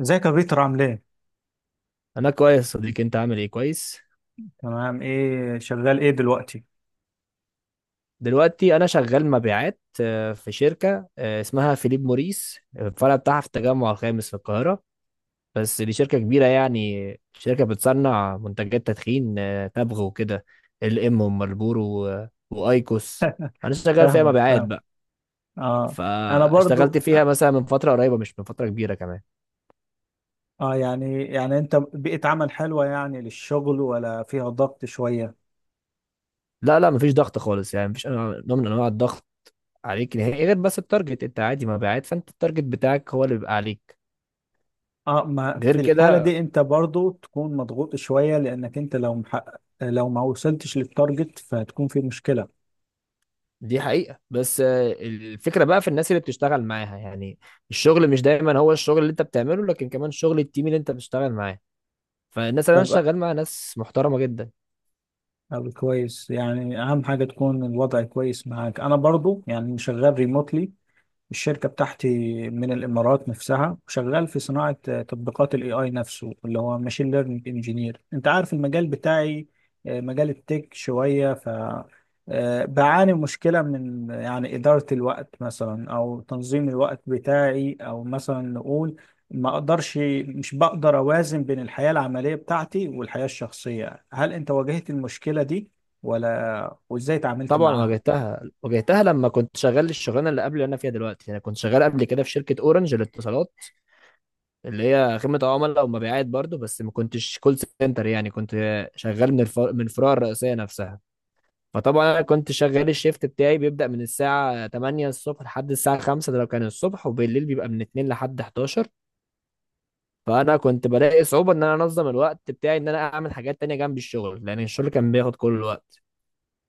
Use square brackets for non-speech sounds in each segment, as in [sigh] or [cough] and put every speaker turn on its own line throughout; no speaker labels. ازيك يا بيتر، عامل ايه؟
انا كويس يا صديقي، انت عامل ايه؟ كويس.
تمام، ايه شغال ايه دلوقتي؟
دلوقتي انا شغال مبيعات في شركه اسمها فيليب موريس، الفرع بتاعها في التجمع الخامس في القاهره. بس دي شركه كبيره، يعني شركه بتصنع منتجات تدخين تبغ وكده. ال ام ومارلبورو وايكوس.
[laughs]
انا شغال فيها
فاهمك
مبيعات
فاهم
بقى.
اه، انا برضو.
فاشتغلت فيها مثلا من فتره قريبه، مش من فتره كبيره كمان.
اه، يعني انت بيئة عمل حلوة، يعني للشغل ولا فيها ضغط شوية؟
لا لا، مفيش ضغط خالص، يعني مفيش نوع من انواع الضغط عليك نهائي، غير بس التارجت. انت عادي مبيعات، فانت التارجت بتاعك هو اللي بيبقى عليك.
اه، ما
غير
في الحالة
كده
دي انت برضو تكون مضغوط شوية، لانك انت لو محقق، لو ما وصلتش للتارجت فهتكون في مشكلة.
دي حقيقة. بس الفكرة بقى في الناس اللي بتشتغل معاها. يعني الشغل مش دايما هو الشغل اللي انت بتعمله، لكن كمان شغل التيم اللي انت بتشتغل معاه. فالناس اللي انا
ببقى
شغال معاها ناس محترمة جدا.
أو كويس، يعني اهم حاجة تكون الوضع كويس معاك. انا برضو يعني شغال ريموتلي، الشركة بتاعتي، من الإمارات نفسها، وشغال في صناعة تطبيقات ال AI نفسه، اللي هو ماشين ليرنينج انجينير. أنت عارف المجال بتاعي، مجال التك شوية. بعاني مشكلة من يعني إدارة الوقت مثلا، أو تنظيم الوقت بتاعي، أو مثلا نقول ما أقدرش، مش بقدر أوازن بين الحياة العملية بتاعتي والحياة الشخصية. هل أنت واجهت المشكلة دي ولا؟ وإزاي تعاملت
طبعا
معاها؟
واجهتها واجهتها، لما كنت شغال الشغلانة اللي قبل اللي انا فيها دلوقتي، انا كنت شغال قبل كده في شركة اورنج للاتصالات، اللي هي خدمة عملاء ومبيعات برضو. بس ما كنتش كول سنتر، يعني كنت شغال من من الفروع الرئيسية نفسها. فطبعا انا كنت شغال، الشيفت بتاعي بيبدأ من الساعة 8 الصبح لحد الساعة 5، ده لو كان الصبح، وبالليل بيبقى من 2 لحد 11. فانا كنت بلاقي صعوبة ان انا انظم الوقت بتاعي، ان انا اعمل حاجات تانية جنب الشغل، لان الشغل كان بياخد كل الوقت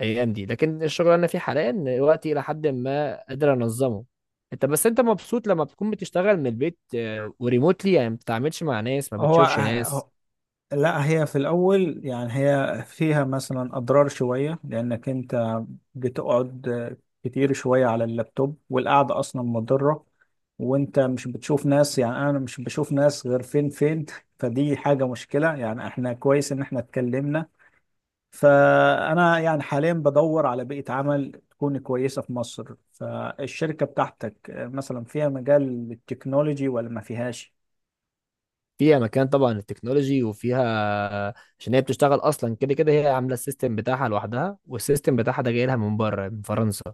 الايام دي. لكن الشغل اللي انا فيه حاليا وقتي الى حد ما قادر انظمه. انت بس انت مبسوط لما بتكون بتشتغل من البيت وريموتلي؟ يعني ما بتتعاملش مع ناس، ما
هو
بتشوفش ناس.
لا، هي في الأول يعني هي فيها مثلا أضرار شوية، لأنك أنت بتقعد كتير شوية على اللابتوب، والقعدة أصلا مضرة. وأنت مش بتشوف ناس، يعني أنا مش بشوف ناس غير فين [laughs] فدي حاجة مشكلة، يعني إحنا كويس إن إحنا اتكلمنا. فأنا يعني حاليا بدور على بيئة عمل تكون كويسة في مصر. فالشركة بتاعتك مثلا فيها مجال للتكنولوجي ولا ما فيهاش؟
فيها مكان طبعا التكنولوجي وفيها، عشان هي بتشتغل اصلا كده كده، هي عامله السيستم بتاعها لوحدها، والسيستم بتاعها ده جاي لها من بره من فرنسا،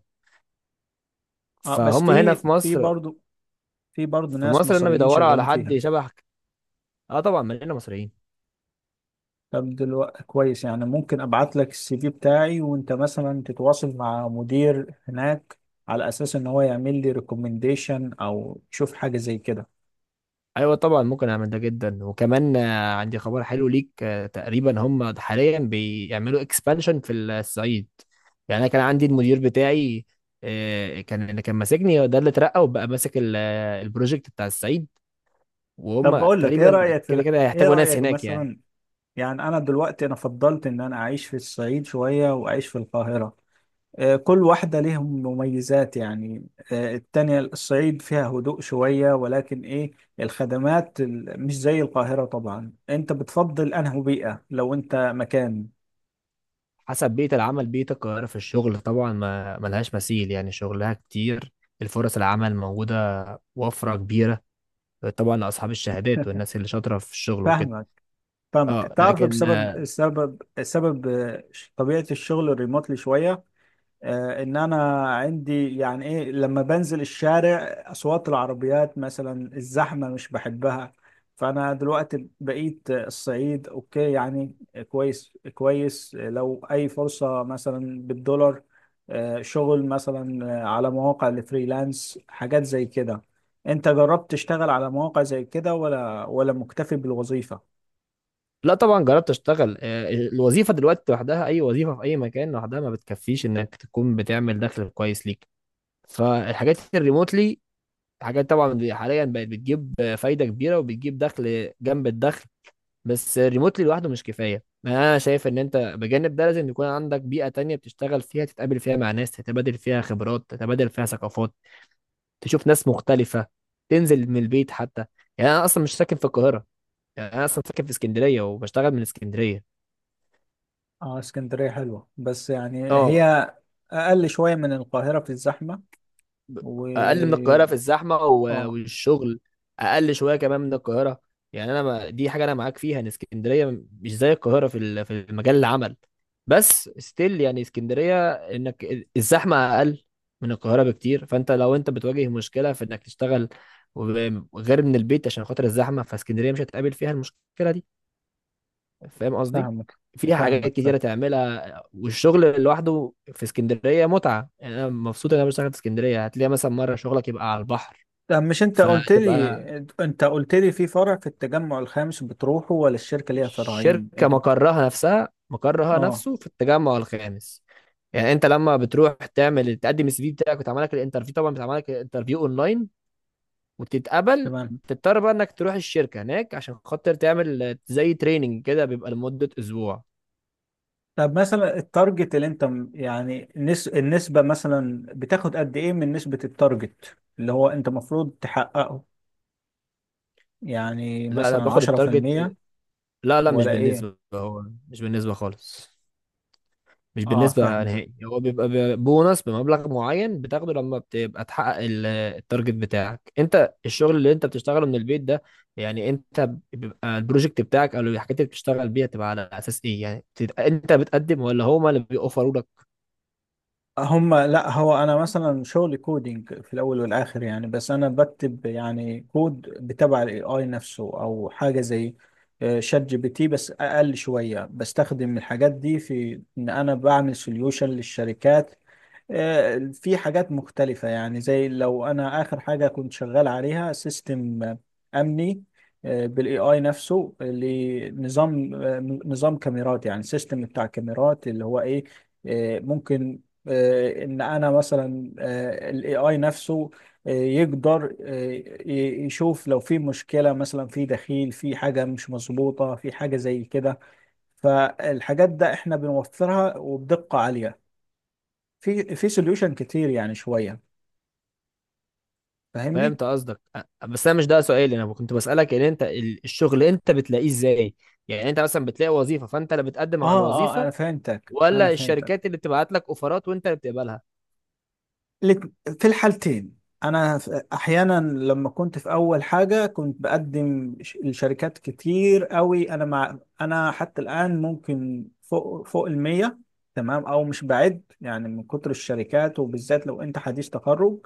أه، بس
فهم هنا
في
في
في
مصر.
برضه، برضه
في
ناس
مصر هنا
مصريين
بيدوروا على
شغالين
حد
فيها.
شبهك. اه طبعا، مننا مصريين.
طب دلوقتي كويس، يعني ممكن ابعت لك السي في بتاعي، وانت مثلا تتواصل مع مدير هناك، على اساس ان هو يعمل لي ريكومنديشن او تشوف حاجه زي كده.
ايوه طبعا ممكن اعمل ده جدا، وكمان عندي خبر حلو ليك. تقريبا هم حاليا بيعملوا اكسبانشن في الصعيد. يعني انا كان عندي المدير بتاعي كان، اللي كان ماسكني ده اللي اترقى وبقى ماسك البروجكت بتاع الصعيد.
طب
وهم
بقول لك ايه،
تقريبا كده كده
ايه
هيحتاجوا ناس
رايك
هناك يعني.
مثلا، يعني انا دلوقتي انا فضلت ان انا اعيش في الصعيد شويه واعيش في القاهره. كل واحده ليهم مميزات يعني، التانية الصعيد فيها هدوء شويه، ولكن ايه، مش زي القاهره طبعا. انت بتفضل انهي بيئه لو انت مكان؟
حسب بيئة العمل. بيئة القاهرة في الشغل طبعا ما ملهاش مثيل، يعني شغلها كتير، الفرص العمل موجودة، وفرة كبيرة، طبعا لأصحاب الشهادات والناس اللي شاطرة في الشغل وكده.
فاهمك، فاهمك
اه
تعرف
لكن
بسبب السبب طبيعة الشغل الريموتلي شوية، ان انا عندي يعني ايه، لما بنزل الشارع اصوات العربيات مثلا، الزحمة مش بحبها. فانا دلوقتي بقيت الصعيد اوكي يعني. كويس كويس. لو اي فرصة مثلا بالدولار، شغل مثلا على مواقع الفريلانس، حاجات زي كده. انت جربت تشتغل على مواقع زي كده ولا مكتفي بالوظيفة؟
لا طبعا جربت اشتغل. الوظيفة دلوقتي لوحدها، أي وظيفة في أي مكان لوحدها ما بتكفيش إنك تكون بتعمل دخل كويس ليك. فالحاجات الريموتلي حاجات طبعا حاليا بقت بتجيب فايدة كبيرة وبتجيب دخل جنب الدخل. بس ريموتلي لوحده مش كفايه. يعني انا شايف ان انت بجانب ده لازم يكون عندك بيئه تانية بتشتغل فيها، تتقابل فيها مع ناس، تتبادل فيها خبرات، تتبادل فيها ثقافات، تشوف ناس مختلفه، تنزل من البيت حتى. يعني انا اصلا مش ساكن في القاهره، يعني انا اصلا ساكن في اسكندريه وبشتغل من اسكندريه.
اه، اسكندرية حلوة، بس يعني
اه
هي أقل شوية من القاهرة في الزحمة. و
اقل من القاهره في الزحمه
اه،
والشغل اقل شويه كمان من القاهره. يعني انا، ما دي حاجه انا معاك فيها ان اسكندريه مش زي القاهره في في مجال العمل. بس ستيل يعني اسكندريه، انك الزحمه اقل من القاهره بكتير، فانت لو انت بتواجه مشكله في انك تشتغل و- غير من البيت عشان خاطر الزحمه، فاسكندريه مش هتقابل فيها المشكله دي. فاهم قصدي؟
فاهمك.
في حاجات
فاهمك فاهم.
كتيرة تعملها، والشغل لوحده في اسكندرية متعة. يعني أنا مبسوط إن أنا بشتغل في اسكندرية، هتلاقي مثلا مرة شغلك يبقى على البحر
طب، مش انت قلت لي،
فتبقى.
في فرع في التجمع الخامس بتروحه، ولا الشركة ليها فرعين
الشركة مقرها نفسها، مقرها
اه،
نفسه في التجمع الخامس. يعني أنت لما بتروح تعمل تقدم السي في بتاعك وتعمل لك الانترفيو، طبعا بتعمل لك الانترفيو أونلاين وتتقبل،
تمام.
بتضطر بقى إنك تروح الشركة هناك عشان خاطر تعمل زي تريننج كده، بيبقى لمدة أسبوع.
طب مثلا التارجت اللي يعني النسبة مثلا، بتاخد قد ايه من نسبة التارجت، اللي هو انت المفروض تحققه؟ يعني
لا أنا
مثلا
باخد
10%
التارجت. لا لا، مش
ولا ايه؟
بالنسبة. هو مش بالنسبة خالص، مش
اه
بالنسبة
فاهمك.
نهائي. هو بيبقى بونص بمبلغ معين بتاخده لما بتبقى تحقق التارجت بتاعك. انت الشغل اللي انت بتشتغله من البيت ده، يعني انت بيبقى البروجكت بتاعك او الحاجات اللي بتشتغل بيها تبقى على اساس ايه؟ يعني انت بتقدم ولا هما اللي بيوفروا لك؟
لا، هو انا مثلا شغلي كودينج في الاول والاخر يعني، بس انا بكتب يعني كود بتبع الاي اي نفسه، او حاجه زي شات جي بي تي، بس اقل شويه. بستخدم الحاجات دي في ان انا بعمل سوليوشن للشركات، في حاجات مختلفة يعني. زي لو أنا آخر حاجة كنت شغال عليها سيستم أمني، بالاي اي نفسه، لنظام نظام كاميرات، يعني سيستم بتاع كاميرات، اللي هو ايه، ممكن ان انا مثلا الاي اي نفسه يقدر يشوف لو في مشكلة، مثلا في دخيل، في حاجة مش مظبوطة، في حاجة زي كده. فالحاجات ده احنا بنوفرها، وبدقة عالية. في سوليوشن كتير، يعني شويه. فاهمني؟
فهمت قصدك. بس انا مش ده سؤالي، انا كنت بسألك ان انت الشغل انت بتلاقيه ازاي. يعني انت مثلا بتلاقي وظيفة فانت اللي بتقدم على
اه اه، انا
الوظيفة،
فهمتك انا
ولا
فهمتك
الشركات اللي بتبعت لك اوفرات وانت اللي بتقبلها؟
لك- في الحالتين، احيانا لما كنت في اول حاجه، كنت بقدم لشركات كتير قوي. انا حتى الان ممكن فوق المية، تمام، او مش بعيد يعني، من كتر الشركات، وبالذات لو انت حديث تخرج.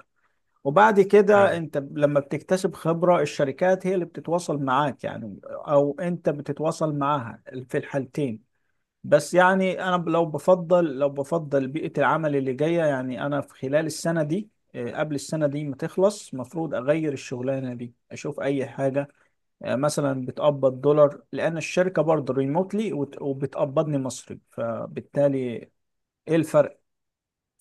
وبعد كده
ايوه.
انت لما بتكتسب خبره، الشركات هي اللي بتتواصل معاك يعني، او انت بتتواصل معاها. في الحالتين. بس يعني انا لو بفضل بيئة العمل اللي جاية يعني، انا في خلال السنة دي قبل السنة دي ما تخلص، مفروض اغير الشغلانة دي، اشوف اي حاجة مثلا بتقبض دولار. لان الشركة برضه ريموتلي، وبتقبضني مصري، فبالتالي ايه الفرق؟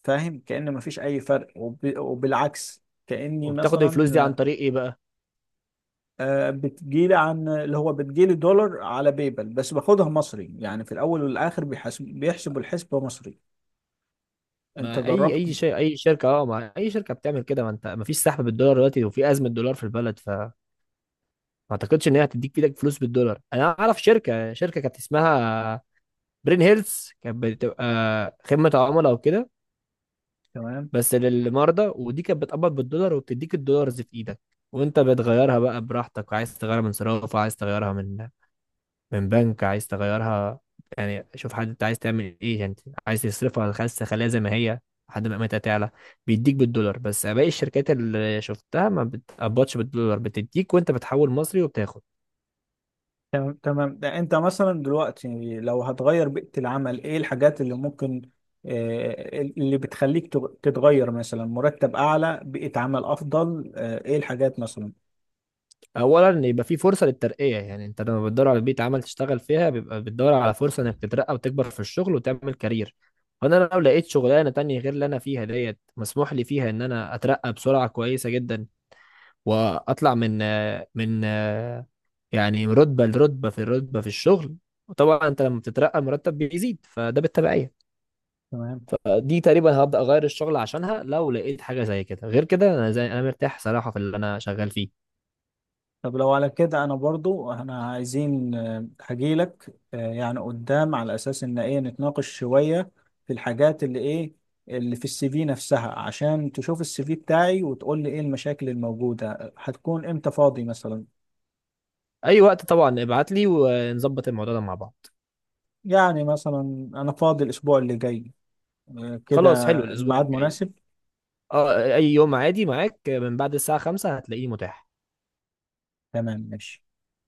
فاهم؟ كأن مفيش اي فرق، وبالعكس كأني
وبتاخد الفلوس دي عن
مثلا
طريق ايه بقى؟
بتجيلي، عن اللي هو بتجيلي دولار على بيبل، بس باخدها مصري، يعني في الاول والاخر بيحسب، الحسبة مصري. انت
ما اي
جربت؟
اي شيء، اي شركه. اه ما اي شركه بتعمل كده. ما انت ما فيش سحب بالدولار دلوقتي وفي ازمه دولار في البلد، فما اعتقدش ان هي هتديك في ايدك فلوس بالدولار. انا اعرف شركه شركه كانت اسمها برين هيلث، كانت بتبقى خدمه عملاء وكده
تمام
بس للمرضى، ودي كانت بتقبض بالدولار وبتديك الدولارز في ايدك وانت بتغيرها بقى براحتك. عايز تغيرها من صرافه، عايز تغيرها من بنك، عايز تغيرها يعني شوف حد، انت عايز تعمل ايه يعني؟ عايز تصرفها، عايز تخليها زي ما هي لحد ما قيمتها تعلى. بيديك بالدولار. بس باقي الشركات اللي شفتها ما بتقبضش بالدولار، بتديك وانت بتحول مصري وبتاخد.
تمام تمام. ده انت مثلا دلوقتي لو هتغير بيئة العمل، ايه الحاجات اللي ممكن اللي بتخليك تتغير؟ مثلا مرتب اعلى، بيئة عمل افضل، ايه الحاجات مثلا؟
اولا يبقى في فرصه للترقيه. يعني انت لما بتدور على بيئه عمل تشتغل فيها بيبقى بتدور على فرصه انك تترقى وتكبر في الشغل وتعمل كارير. فانا لو لقيت شغلانه تانية غير اللي انا فيها ديت مسموح لي فيها ان انا اترقى بسرعه كويسه جدا، واطلع من من يعني رتبة لرتبة في الرتبة في الشغل. وطبعا انت لما بتترقى مرتب بيزيد، فده بالتبعية.
تمام.
دي تقريبا هبدأ اغير الشغل عشانها لو لقيت حاجة زي كده. غير كده انا زي انا مرتاح صراحة في اللي انا شغال فيه.
طب لو على كده، انا برضو احنا عايزين هجيلك يعني قدام، على اساس ان ايه، نتناقش شوية في الحاجات اللي ايه، اللي في السي في نفسها، عشان تشوف السي في بتاعي، وتقول لي ايه المشاكل الموجودة. هتكون امتى فاضي مثلا؟
اي وقت طبعا، ابعت لي ونظبط الموضوع ده مع بعض.
يعني مثلا أنا فاضي الأسبوع اللي جاي كده.
خلاص، حلو الاسبوع
الميعاد
الجاي.
مناسب؟
اه اي يوم عادي معاك، من بعد الساعة 5 هتلاقيه متاح.
تمام ماشي.